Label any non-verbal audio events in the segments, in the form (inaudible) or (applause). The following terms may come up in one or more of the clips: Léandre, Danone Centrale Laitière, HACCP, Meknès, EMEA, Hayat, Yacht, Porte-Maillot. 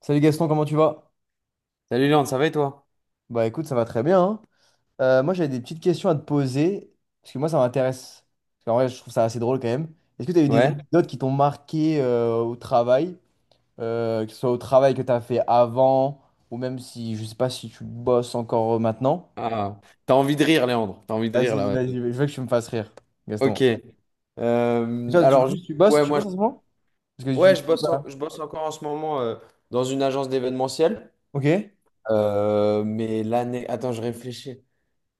Salut Gaston, comment tu vas? Salut Léandre, ça va et toi? Bah écoute, ça va très bien, hein. Moi j'avais des petites questions à te poser, parce que moi ça m'intéresse. Parce qu'en vrai, je trouve ça assez drôle quand même. Est-ce que tu as eu des Ouais? anecdotes qui t'ont marqué au travail? Que ce soit au travail que tu as fait avant, ou même si je sais pas si tu bosses encore maintenant. Ah, t'as envie de rire, Léandre. T'as envie de rire là. Vas-y, vas-y, Ouais. je veux que tu me fasses rire, Ok. Gaston. Tu Euh, vois, tu- alors, je- tu- tu bosses, ouais, tu moi, je... bosses en ce moment? Parce que Ouais, je tu. bosse, en- Voilà. je bosse encore en ce moment dans une agence d'événementiel. Ok? Ouais, Mais l'année, attends, je réfléchis.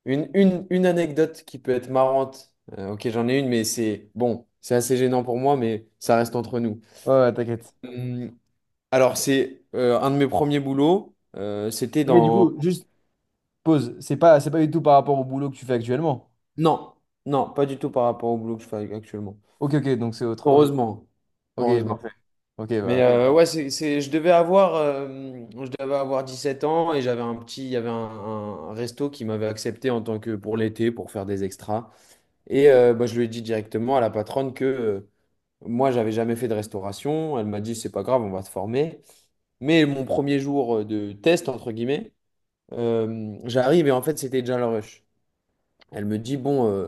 Une anecdote qui peut être marrante. Ok, j'en ai une, mais c'est bon, c'est assez gênant pour moi, mais ça reste entre nous. ouais, ouais, t'inquiète. Hum, alors, c'est un de mes premiers boulots. C'était Ok, du dans. coup, juste pause. C'est pas du tout par rapport au boulot que tu fais actuellement. Non, non, pas du tout par rapport au boulot que je fais actuellement. Ok, ok, donc c'est autre. Ok. Heureusement. Ok, Heureusement. parfait. Ok, Mais bah. euh, ouais, je devais avoir 17 ans et j'avais un petit, il y avait un resto qui m'avait accepté en tant que pour l'été pour faire des extras. Et bah, je lui ai dit directement à la patronne que moi, j'avais jamais fait de restauration. Elle m'a dit, c'est pas grave, on va te former. Mais mon premier jour de test, entre guillemets, j'arrive et en fait, c'était déjà le rush. Elle me dit, bon.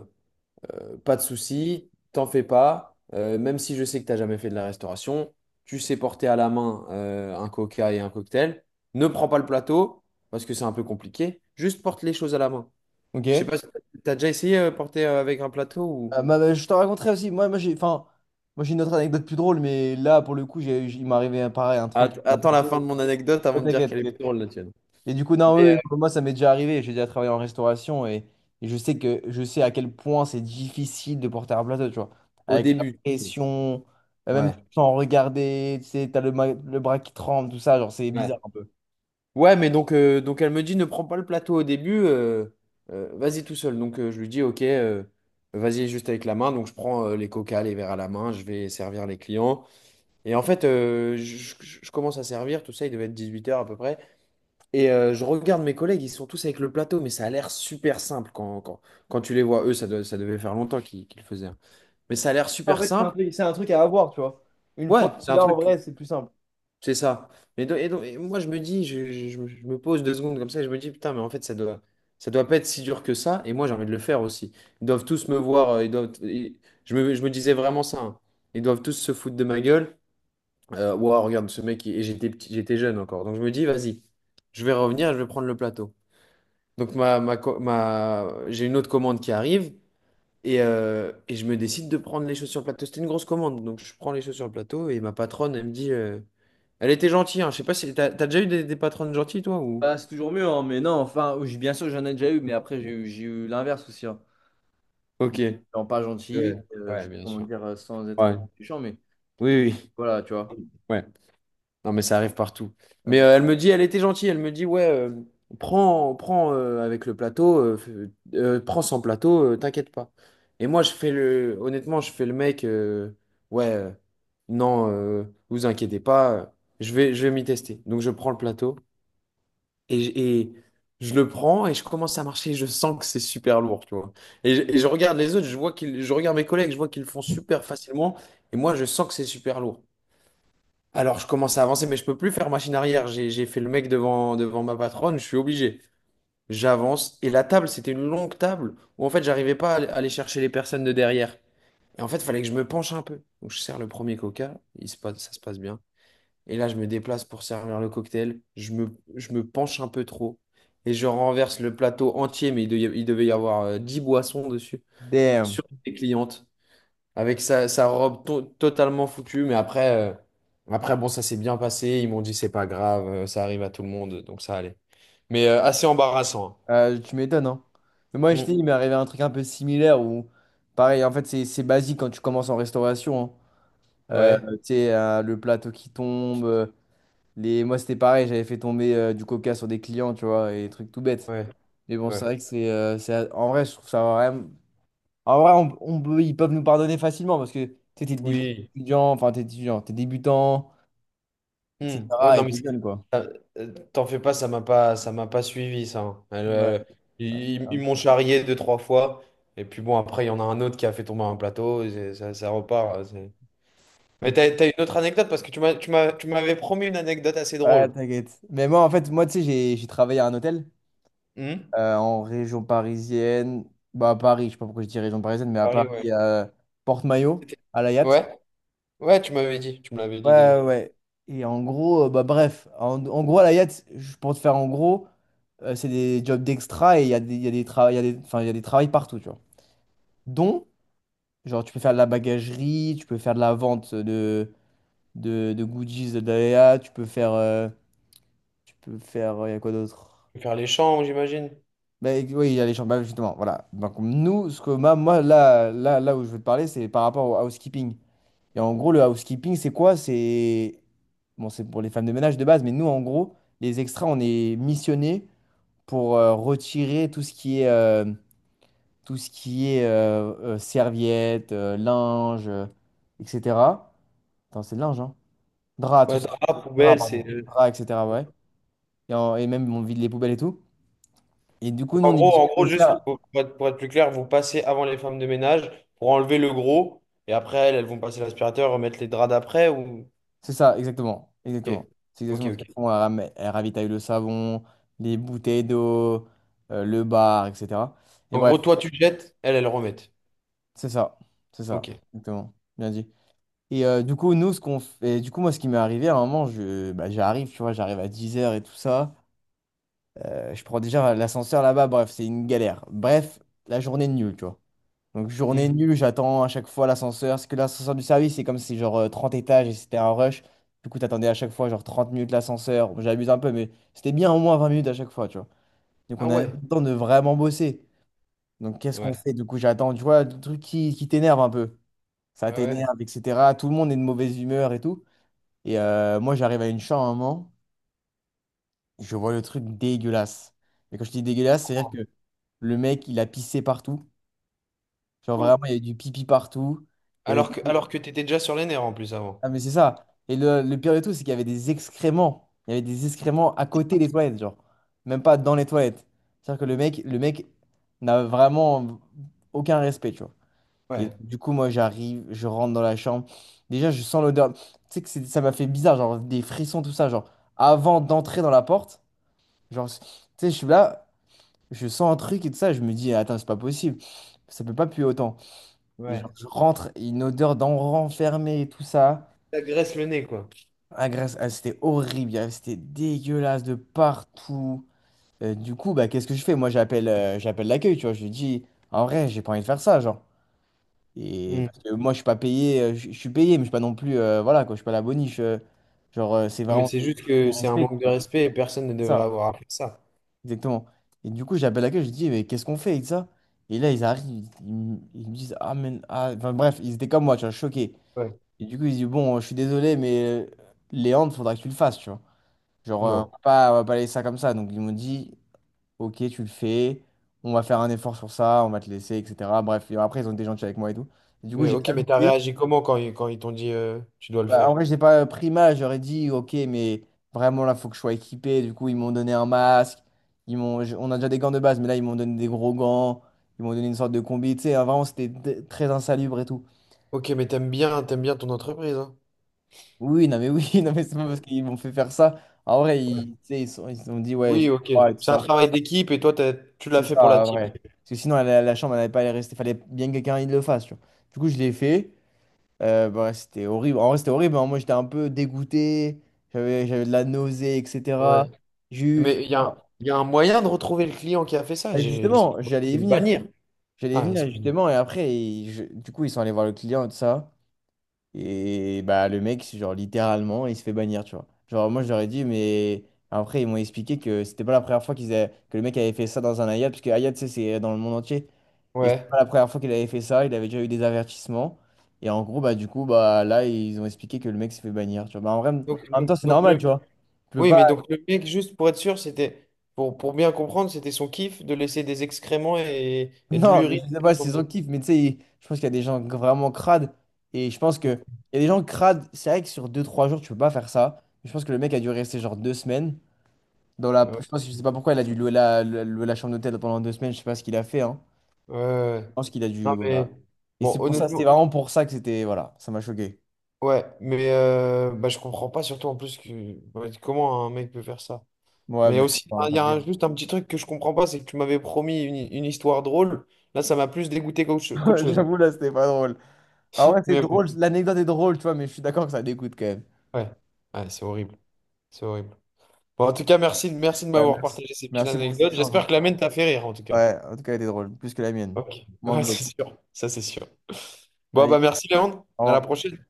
Pas de souci, t'en fais pas. Même si je sais que t'as jamais fait de la restauration, tu sais porter à la main un coca et un cocktail. Ne prends pas le plateau parce que c'est un peu compliqué. Juste porte les choses à la main. Ok? Je sais pas, si t'as déjà essayé porter avec un plateau ou Je te raconterai aussi, moi j'ai enfin, moi j'ai une autre anecdote plus drôle, mais là pour le coup, il m'est arrivé pareil, un truc, Att- un Attends la fin de plateau. mon anecdote Oh, avant de dire t'inquiète, qu'elle est plus t'inquiète. drôle la tienne. Et du coup, non, Mais oui, euh, oui, moi ça m'est déjà arrivé, j'ai déjà travaillé en restauration, et je sais à quel point c'est difficile de porter un plateau, tu vois. au Avec la début, pression, même ouais, tu te sens regarder, tu sais, t'as le bras qui tremble, tout ça, genre c'est bizarre ouais. un peu. Ouais, mais donc, donc elle me dit ne prends pas le plateau au début, vas-y tout seul. Donc je lui dis ok, vas-y juste avec la main. Donc je prends les coca, les verres à la main, je vais servir les clients. Et en fait, je commence à servir, tout ça, il devait être 18 heures à peu près. Et je regarde mes collègues, ils sont tous avec le plateau, mais ça a l'air super simple quand tu les vois. Eux, ça devait faire longtemps qu'ils le faisaient, hein. Mais ça a l'air En super fait, simple. C'est un truc à avoir, tu vois. Une fois Ouais, que c'est tu un l'as en truc. vrai, c'est plus simple. C'est ça. Et moi, je me dis, je me pose 2 secondes comme ça et je me dis, putain, mais en fait, ça doit pas être si dur que ça. Et moi, j'ai envie de le faire aussi. Ils doivent tous me voir. Je me disais vraiment ça, hein. Ils doivent tous se foutre de ma gueule. Ouah, regarde ce mec. Et j'étais petit, j'étais jeune encore. Donc, je me dis, vas-y, je vais revenir et je vais prendre le plateau. Donc, j'ai une autre commande qui arrive. Et je me décide de prendre les choses sur le plateau. C'était une grosse commande. Donc, je prends les choses sur le plateau et ma patronne, elle me dit. Elle était gentille, hein. Je sais pas si t'as déjà eu des patronnes gentilles, toi, ou... Bah, c'est toujours mieux, hein, mais non, enfin, bien sûr, j'en ai déjà eu, mais après, j'ai eu l'inverse aussi. Hein. Ok. Des gens pas gentils, Ouais, je ouais, sais pas bien comment sûr. dire sans Ouais. être méchant, mais Oui, oui. voilà, tu Oui. vois. Ouais. Non, mais ça arrive partout. Ah, Mais c'est- euh, elle me dit, elle était gentille. Elle me dit, ouais, prends avec le plateau, prends sans plateau, t'inquiète pas. Et moi, je fais le, honnêtement, je fais le mec, ouais, non, vous inquiétez pas, je vais m'y tester. Donc, je prends le plateau. Et je le prends et je commence à marcher. Je sens que c'est super lourd, tu vois. Et je regarde les autres, je regarde mes collègues, je vois qu'ils le font super facilement. Et moi, je sens que c'est super lourd. Alors, je commence à avancer, mais je peux plus faire machine arrière. J'ai fait le mec devant ma patronne, je suis obligé. J'avance. Et la table, c'était une longue table où en fait, j'arrivais pas à aller chercher les personnes de derrière. Et en fait, il fallait que je me penche un peu. Donc, je sers le premier coca, ça se passe bien. Et là, je me déplace pour servir le cocktail. Je me penche un peu trop. Et je renverse le plateau entier, mais il devait y avoir 10 boissons dessus, Damn. sur les clientes, avec sa robe totalement foutue. Mais après, bon, ça s'est bien passé. Ils m'ont dit, c'est pas grave, ça arrive à tout le monde, donc ça allait. Mais, assez embarrassant, Tu m'étonnes, hein. Mais moi, je hein. t'ai dit, il m'est Mm. arrivé un truc un peu similaire où, pareil, en fait, c'est basique quand tu commences en restauration, hein. Ouais, Tu sais, le plateau qui tombe. Moi, c'était pareil, j'avais fait tomber du coca sur des clients, tu vois, et des trucs tout bêtes. ouais, Mais bon, ouais. c'est vrai que en vrai, je trouve ça vraiment. En vrai, ils peuvent nous pardonner facilement parce que tu sais, t'es Oui. étudiant, enfin t'es étudiant, t'es débutant, Hmm. Ouais, etc. non, Et mais t'es jeune, quoi. ça- t'en fais pas, ça m'a pas suivi, ça, hein. Elle, Ouais, ouais, ils ouais. ils m'ont charrié deux, trois fois. Et puis bon, après, il y en a un autre qui a fait tomber un plateau. Ça repart. Mais Ok. t'as une autre anecdote parce que tu m'avais promis une anecdote assez Ouais, drôle. t'inquiète. Mais moi, en fait, moi, tu sais, j'ai travaillé à un hôtel Hmm. En région parisienne. Bah, à Paris, je sais pas pourquoi je dis région parisienne, mais à Paris, Paris, ouais. à Porte-Maillot, C'était- à la Yacht. Ouais, ouais, tu m'avais dit. Tu me l'avais dit déjà. Ouais, ouais. Et en gros, bah bref, à la Yacht, je pour te faire en gros, c'est des jobs d'extra et il y a des, il y a des, tra- il y a des, enfin, il y a des travails partout, tu vois. Dont Genre, tu peux faire de la bagagerie, tu peux faire de la vente de goodies de Daya, tu peux faire. Il y a quoi d'autre? Faire les champs, j'imagine. Ben, oui, il y a les chambres, bah, justement, voilà. Donc, nous, ce que moi, là, là, là où je veux te parler, c'est par rapport au housekeeping. Et en gros, le housekeeping, c'est quoi? C'est. Bon, c'est pour les femmes de ménage de base, mais nous, en gros, les extras, on est missionnés pour retirer tout ce qui est. Tout ce qui est serviettes, linge, etc. Attends, c'est le linge, hein? Draps, tout Ouais, ça. drap, Draps, poubelle, c'est. pardon. Draps, etc. Ouais. Et même on vide les poubelles et tout. Et du coup, nous, En on est gros, missionnés de le juste faire. Pour être plus clair, vous passez avant les femmes de ménage pour enlever le gros, et après, elles vont passer l'aspirateur, remettre les draps d'après ou... C'est ça, exactement. Exactement. Ok, C'est ok, exactement ce ok. qu'elles font. Elles ravitaillent le savon, les bouteilles d'eau, le bar, etc. Et En bref, gros, toi, tu jettes, elles remettent. c'est ça. C'est ça. Ok. Exactement. Bien dit. Et du coup, nous, ce qu'on fait, du coup, moi, ce qui m'est arrivé, à un moment, bah, j'arrive, tu vois, j'arrive à 10 heures et tout ça. Je prends déjà l'ascenseur là-bas, bref, c'est une galère. Bref, la journée est nulle, tu vois. Donc journée Hmm. nulle, j'attends à chaque fois l'ascenseur. Parce que l'ascenseur du service, c'est comme si genre 30 étages et c'était un rush. Du coup, t'attendais à chaque fois genre 30 minutes l'ascenseur. Bon, j'abuse un peu, mais c'était bien au moins 20 minutes à chaque fois, tu vois. Donc Ah on a même ouais, pas le temps de vraiment bosser. Donc qu'est-ce qu'on ouais, fait? Du coup, j'attends, tu vois, le truc qui t'énerve un peu. Ça ouais, ouais. t'énerve, etc. Tout le monde est de mauvaise humeur et tout. Et moi, j'arrive à une chambre à un moment, je vois le truc dégueulasse. Et quand je dis dégueulasse, c'est-à-dire que le mec, il a pissé partout. Genre Oh. vraiment, il y avait du pipi partout. Il y avait Alors que, des alors que t'étais déjà sur les nerfs en plus avant. Ah, mais c'est ça. Et le pire de tout, c'est qu'il y avait des excréments. Il y avait des excréments à côté des toilettes, genre. Même pas dans les toilettes. C'est-à-dire que le mec n'a vraiment aucun respect, tu vois. Et Ouais, du coup, moi, j'arrive, je rentre dans la chambre. Déjà, je sens l'odeur. Tu sais que ça m'a fait bizarre, genre des frissons, tout ça, genre. Avant d'entrer dans la porte, genre, tu sais, je suis là, je sens un truc et tout ça, je me dis, attends, c'est pas possible. Ça peut pas puer autant. Et genre, ouais. je rentre, une odeur d'enfant fermé et tout ça. T'agresses le nez, quoi. La Grèce, elle, c'était horrible, elle, c'était dégueulasse de partout. Du coup, bah, qu'est-ce que je fais? Moi, j'appelle l'accueil, tu vois. Je lui dis, en vrai, j'ai pas envie de faire ça, genre. Et Hmm. parce que moi, je suis pas payé, je suis payé, mais je suis pas non plus, voilà, quoi, je suis pas la boniche. Genre, c'est Non, mais vraiment c'est juste du que c'est un respect, manque tu de vois. respect et personne ne C'est devrait ça, avoir à faire ça. exactement. Et du coup, j'appelle l'accueil, je lui dis, mais qu'est-ce qu'on fait avec ça? Et là, ils arrivent, ils me disent, ah, mais, ah, enfin, bref, ils étaient comme moi, tu vois, choqués. Ouais. Et du coup, ils disent, bon, je suis désolé, mais Léandre, faudra que tu le fasses, tu vois. Genre, on Non. va pas, on va pas laisser ça comme ça. Donc, ils m'ont dit, OK, tu le fais, on va faire un effort sur ça, on va te laisser, etc. Bref, et après, ils ont été gentils avec moi et tout. Et du coup, Mais, j'ai ok, quand mais même t'as été. réagi comment quand ils t'ont dit tu dois le Bah, en faire? vrai, je n'ai pas pris mal, j'aurais dit, OK, mais vraiment, là, faut que je sois équipé. Du coup, ils m'ont donné un masque. On a déjà des gants de base, mais là, ils m'ont donné des gros gants. Ils m'ont donné une sorte de combi. Tu sais, hein, vraiment, c'était très insalubre et tout. Ok, mais t'aimes bien ton entreprise, hein. Oui, non, mais oui, (laughs) non, mais c'est pas parce Ouais. qu'ils m'ont fait faire ça. En vrai, Ouais. ils, tu sais, ils ont dit, ouais, Oui, je ok. crois et tout C'est un ça. travail d'équipe et toi, tu l'as C'est fait pour la ça, team. vrai. Parce que sinon, la chambre, elle n'allait pas aller rester. Fallait bien que quelqu'un il le fasse, tu vois. Du coup, je l'ai fait. Bah, ouais, c'était horrible. En vrai, c'était horrible, hein. Moi, j'étais un peu dégoûté. J'avais de la nausée, Ouais. etc. Mais il y a, Ah, il y a un moyen de retrouver le client qui a fait ça. bah, Je justement, j'allais peux y le venir. bannir. J'allais y Ah, venir, excuse-moi. justement. Et après, du coup, ils sont allés voir le client et tout ça. Et bah, le mec, c'est genre, littéralement, il se fait bannir, tu vois. Genre, moi, je leur ai dit, mais... Après, ils m'ont expliqué que c'était pas la première fois que le mec avait fait ça dans un Hayat, parce que Hayat, tu sais, c'est dans le monde entier. Et c'est pas Ouais. la première fois qu'il avait fait ça, il avait déjà eu des avertissements. Et en gros, bah du coup, bah là, ils ont expliqué que le mec s'est fait bannir. Tu vois. Bah, en vrai, Donc, en même temps, donc, c'est donc normal, le... tu vois. Tu peux Oui, pas. mais donc (laughs) le mec, juste pour être sûr, pour bien comprendre, c'était son kiff de laisser des excréments et de Non, mais l'urine. je sais pas, si c'est Ouais. son kiff, mais tu sais, je pense qu'il y a des gens vraiment crades. Et je pense que il y a des gens crades. C'est vrai que sur deux trois jours, tu peux pas faire ça. Je pense que le mec a dû rester genre 2 semaines. Dans la... Ouais. Je pense, je sais pas pourquoi il a dû louer louer la chambre d'hôtel pendant 2 semaines. Je sais pas ce qu'il a fait, hein. Je Ouais. pense qu'il a dû. Non, mais Voilà. Et bon, c'est pour ça, c'était honnêtement. vraiment pour ça que c'était. Voilà, ça m'a choqué. Ouais, mais bah, je comprends pas, surtout en plus que ouais, comment un mec peut faire ça. Ouais, Mais mais je sais aussi, pas, enfin, il ça y a arrive. un- juste un petit truc que je comprends pas, c'est que tu m'avais promis une histoire drôle. Là, ça m'a plus dégoûté qu'autre (laughs) chose, hein. J'avoue, là, c'était pas drôle. Ah ouais, c'est Mais oui, drôle, l'anecdote est drôle, tu vois, mais je suis d'accord que ça dégoûte quand même. ouais, ouais, c'est horrible, c'est horrible. Bon, en tout cas, merci, merci de Ouais, m'avoir merci. partagé ces petites Merci pour ces anecdotes. échange, hein. J'espère que la mienne t'a fait rire, en tout cas. Ouais, en tout cas, elle était drôle, plus que la mienne. Ok, Moins ouais, (laughs) glauque. c'est sûr, ça c'est sûr. Bon, Allez, bah merci Léandre, au à la revoir. prochaine.